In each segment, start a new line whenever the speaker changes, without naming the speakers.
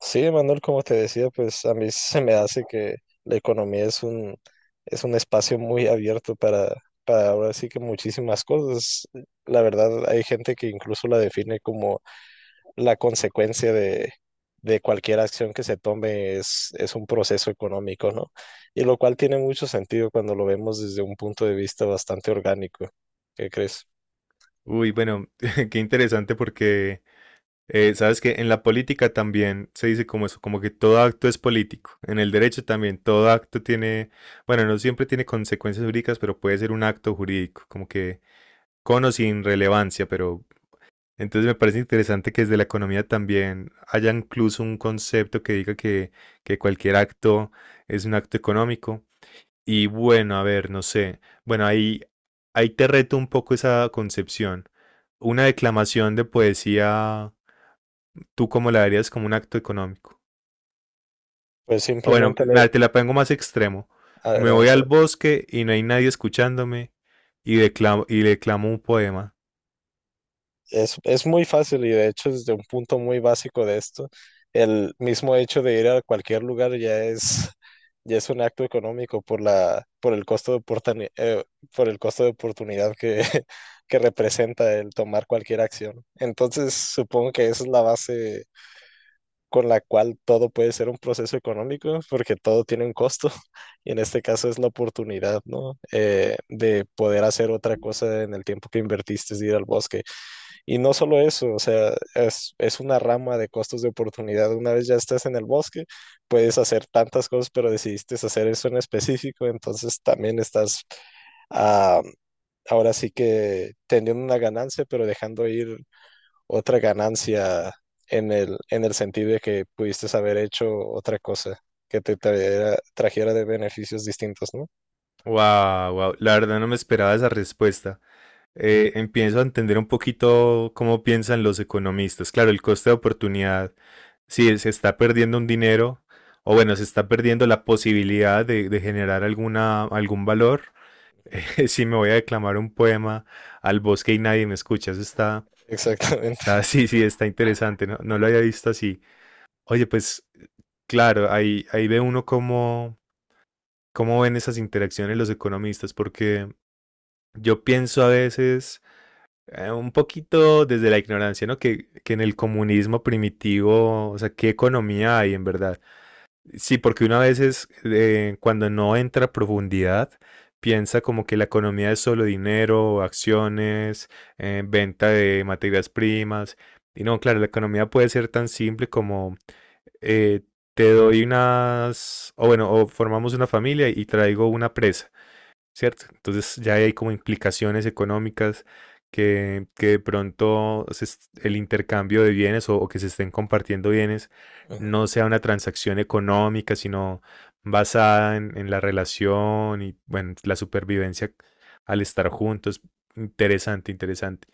Sí, Manuel, como te decía, pues a mí se me hace que la economía es un espacio muy abierto para ahora sí que muchísimas cosas. La verdad, hay gente que incluso la define como la consecuencia de cualquier acción que se tome es un proceso económico, ¿no? Y lo cual tiene mucho sentido cuando lo vemos desde un punto de vista bastante orgánico. ¿Qué crees?
Uy, bueno, qué interesante porque sabes que en la política también se dice como eso, como que todo acto es político. En el derecho también todo acto tiene, bueno, no siempre tiene consecuencias jurídicas, pero puede ser un acto jurídico, como que con o sin relevancia, pero entonces me parece interesante que desde la economía también haya incluso un concepto que diga que cualquier acto es un acto económico. Y bueno, a ver, no sé. Bueno, ahí te reto un poco esa concepción. Una declamación de poesía, ¿tú cómo la verías como un acto económico?
Pues
O bueno,
simplemente le...
nada, te la pongo más extremo. Me voy al
adelante.
bosque y no hay nadie escuchándome y declamo un poema.
Es muy fácil y de hecho desde un punto muy básico de esto, el mismo hecho de ir a cualquier lugar ya es un acto económico por por el costo de por el costo de oportunidad que, que representa el tomar cualquier acción. Entonces supongo que esa es la base con la cual todo puede ser un proceso económico porque todo tiene un costo y en este caso es la oportunidad, ¿no? De poder hacer otra cosa en el tiempo que invertiste, de ir al bosque y no solo eso, o sea, es una rama de costos de oportunidad. Una vez ya estás en el bosque, puedes hacer tantas cosas, pero decidiste hacer eso en específico, entonces también estás ah, ahora sí que teniendo una ganancia, pero dejando ir otra ganancia en en el sentido de que pudiste haber hecho otra cosa que te trajera de beneficios distintos, ¿no?
Wow, wow. La verdad no me esperaba esa respuesta. Empiezo a entender un poquito cómo piensan los economistas. Claro, el coste de oportunidad. Sí, se está perdiendo un dinero, o bueno, se está perdiendo la posibilidad de generar algún valor. Si me voy a declamar un poema al bosque y nadie me escucha, eso está,
Exactamente.
está, sí, sí, está interesante, no, no lo había visto así. Oye, pues claro, ahí ve uno cómo, cómo ven esas interacciones los economistas, porque yo pienso a veces un poquito desde la ignorancia, ¿no? Que en el comunismo primitivo, o sea, ¿qué economía hay en verdad? Sí, porque una vez es cuando no entra a profundidad, piensa como que la economía es solo dinero, acciones, venta de materias primas. Y no, claro, la economía puede ser tan simple como eh, te doy unas, o bueno, o formamos una familia y traigo una presa. ¿Cierto? Entonces ya hay como implicaciones económicas que de pronto se est- el intercambio de bienes o que se estén compartiendo bienes
Ujú.
no sea una transacción económica, sino basada en la relación y bueno, la supervivencia al estar juntos. Interesante, interesante.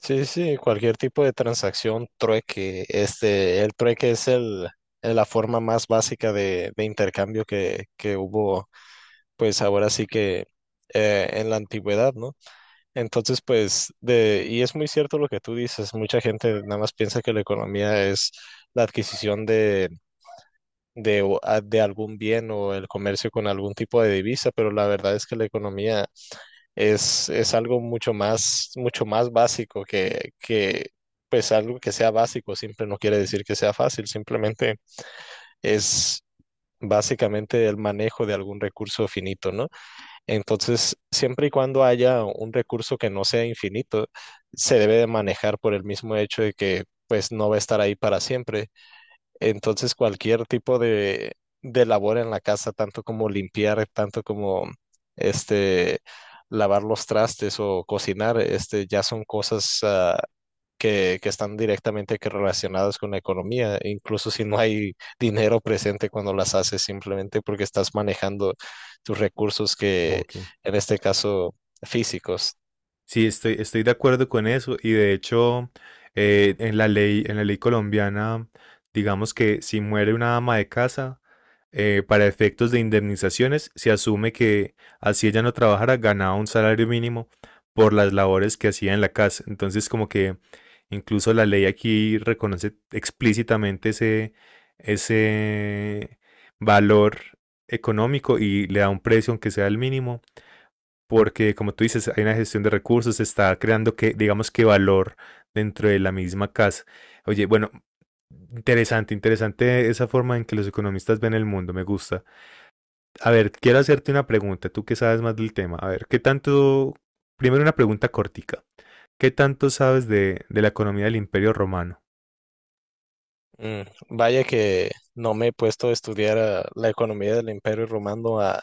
Sí, sí, cualquier tipo de transacción, trueque, este, el trueque es la forma más básica de intercambio que hubo, pues ahora sí que en la antigüedad, ¿no? Entonces, pues, de, y es muy cierto lo que tú dices, mucha gente nada más piensa que la economía es la adquisición de algún bien o el comercio con algún tipo de divisa, pero la verdad es que la economía es algo mucho más, mucho más básico. Pues algo que sea básico, siempre no quiere decir que sea fácil, simplemente es básicamente el manejo de algún recurso finito, ¿no? Entonces, siempre y cuando haya un recurso que no sea infinito, se debe de manejar por el mismo hecho de que pues no va a estar ahí para siempre. Entonces, cualquier tipo de labor en la casa, tanto como limpiar, tanto como este, lavar los trastes o cocinar, este, ya son cosas que están directamente que relacionadas con la economía, incluso si no hay dinero presente cuando las haces, simplemente porque estás manejando tus recursos que,
Ok.
en este caso, físicos.
Sí, estoy, estoy de acuerdo con eso y de hecho en la ley colombiana, digamos que si muere una ama de casa, para efectos de indemnizaciones, se asume que así ella no trabajara, ganaba un salario mínimo por las labores que hacía en la casa. Entonces, como que incluso la ley aquí reconoce explícitamente ese, ese valor económico y le da un precio, aunque sea el mínimo, porque como tú dices, hay una gestión de recursos, se está creando que, digamos que valor dentro de la misma casa. Oye, bueno, interesante, interesante esa forma en que los economistas ven el mundo, me gusta. A ver, quiero hacerte una pregunta, tú que sabes más del tema. A ver, ¿qué tanto? Primero una pregunta cortica. ¿Qué tanto sabes de la economía del Imperio Romano?
Mm, vaya que no me he puesto a estudiar la economía del Imperio Romano ah,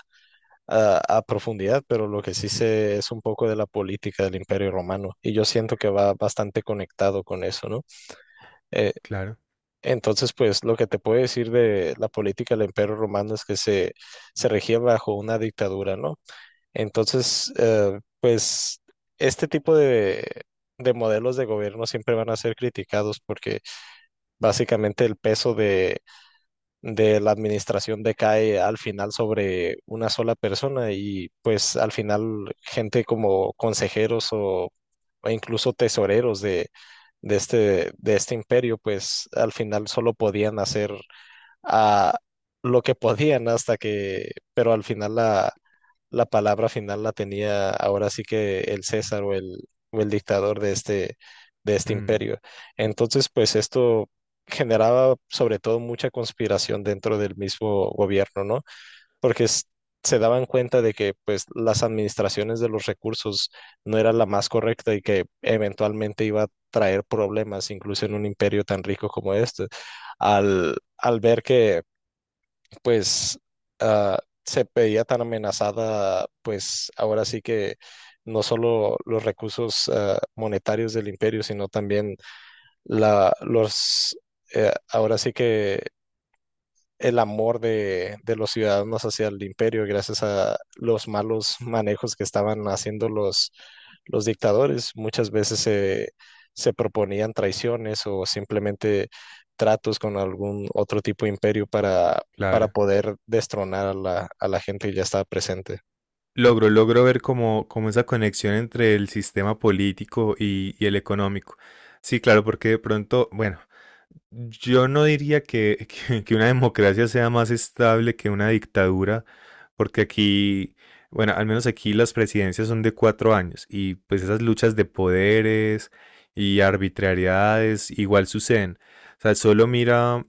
a, a profundidad, pero lo que sí sé es un poco de la política del Imperio Romano y yo siento que va bastante conectado con eso, ¿no? Eh,
Claro,
entonces, pues lo que te puedo decir de la política del Imperio Romano es que se regía bajo una dictadura, ¿no? Entonces, pues este tipo de modelos de gobierno siempre van a ser criticados porque básicamente el peso de la administración decae al final sobre una sola persona y pues al final gente como consejeros o incluso tesoreros de este imperio pues al final solo podían hacer ah, lo que podían hasta que, pero al final la palabra final la tenía ahora sí que el César o o el dictador de este
mm,
imperio. Entonces, pues esto generaba sobre todo mucha conspiración dentro del mismo gobierno, ¿no? Porque es- Se daban cuenta de que pues las administraciones de los recursos no era la más correcta y que eventualmente iba a traer problemas, incluso en un imperio tan rico como este, al ver que pues ah, se veía tan amenazada, pues ahora sí que no solo los recursos monetarios del imperio, sino también la, los, ahora sí que el amor de los ciudadanos hacia el imperio gracias a los malos manejos que estaban haciendo los dictadores. Muchas veces se proponían traiciones o simplemente tratos con algún otro tipo de imperio para
claro.
poder destronar a a la gente que ya estaba presente.
Logro, logro ver como, como esa conexión entre el sistema político y el económico. Sí, claro, porque de pronto, bueno, yo no diría que, que una democracia sea más estable que una dictadura, porque aquí, bueno, al menos aquí las presidencias son de 4 años y pues esas luchas de poderes y arbitrariedades igual suceden. O sea, solo mira,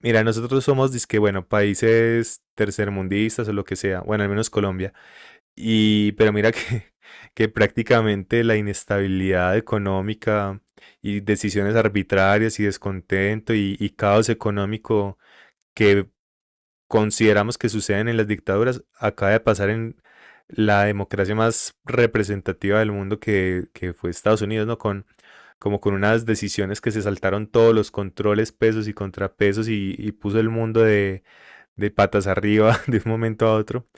mira, nosotros somos, dizque, bueno, países tercermundistas o lo que sea, bueno, al menos Colombia, y, pero mira que, que prácticamente la inestabilidad económica y decisiones arbitrarias y descontento y caos económico que consideramos que suceden en las dictaduras, acaba de pasar en la democracia más representativa del mundo que fue Estados Unidos, ¿no? Con, como con unas decisiones que se saltaron todos los controles, pesos y contrapesos y puso el mundo de patas arriba de un momento a otro.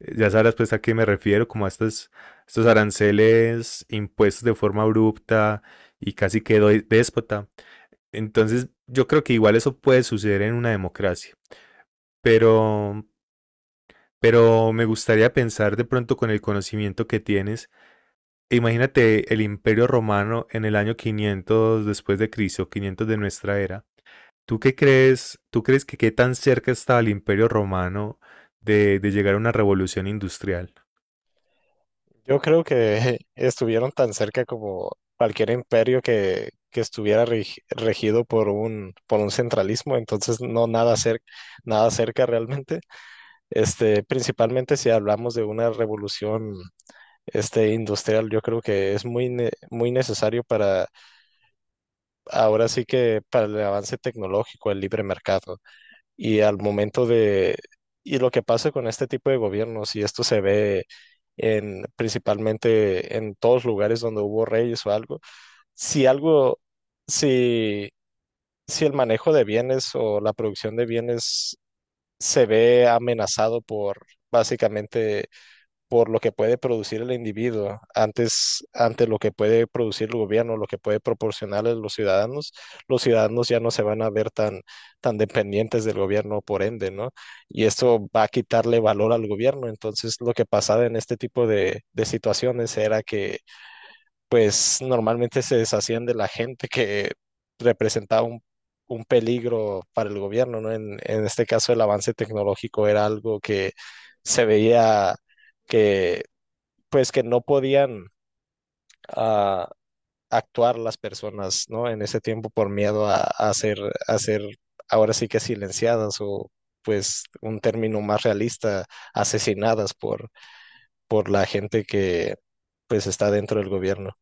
Ya sabrás pues a qué me refiero, como a estas, estos aranceles impuestos de forma abrupta y casi que déspota. Entonces yo creo que igual eso puede suceder en una democracia, pero pero me gustaría pensar de pronto con el conocimiento que tienes, imagínate el Imperio Romano en el año 500 después de Cristo, 500 de nuestra era. ¿Tú qué crees? ¿Tú crees que qué tan cerca está el Imperio Romano de llegar a una revolución industrial?
Yo creo que estuvieron tan cerca como cualquier imperio que estuviera regido por por un centralismo, entonces nada cerca realmente. Este, principalmente si hablamos de una revolución este, industrial, yo creo que es muy necesario para, ahora sí que para el avance tecnológico, el libre mercado. Y al momento de, y lo que pasa con este tipo de gobiernos, y esto se ve en, principalmente en todos lugares donde hubo reyes o algo, si algo, si, si el manejo de bienes o la producción de bienes se ve amenazado por básicamente por lo que puede producir el individuo antes ante lo que puede producir el gobierno, lo que puede proporcionar a los ciudadanos ya no se van a ver tan, tan dependientes del gobierno por ende, ¿no? Y esto va a quitarle valor al gobierno. Entonces, lo que pasaba en este tipo de situaciones era que, pues, normalmente se deshacían de la gente que representaba un peligro para el gobierno, ¿no? En este caso, el avance tecnológico era algo que se veía que pues que no podían ah, actuar las personas, ¿no? En ese tiempo por miedo a ser ahora sí que silenciadas o pues un término más realista, asesinadas por la gente que pues está dentro del gobierno.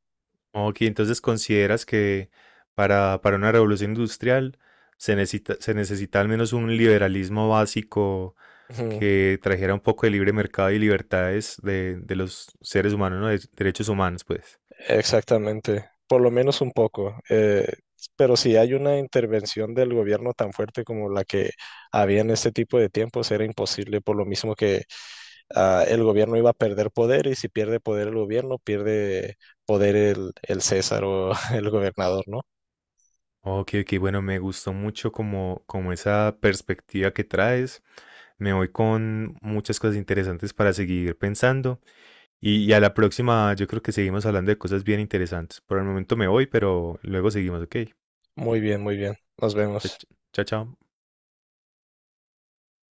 Ok, entonces consideras que para una revolución industrial se necesita al menos un liberalismo básico
Ujú.
que trajera un poco de libre mercado y libertades de los seres humanos, ¿no? De derechos humanos, pues.
Exactamente, por lo menos un poco. Pero si hay una intervención del gobierno tan fuerte como la que había en este tipo de tiempos, era imposible, por lo mismo que el gobierno iba a perder poder y si pierde poder el gobierno, pierde poder el César o el gobernador, ¿no?
Ok, ok, bueno, me gustó mucho como, como esa perspectiva que traes. Me voy con muchas cosas interesantes para seguir pensando. Y a la próxima, yo creo que seguimos hablando de cosas bien interesantes. Por el momento me voy, pero luego seguimos, ok.
Muy bien, muy bien. Nos
Chao,
vemos.
chao. Chao.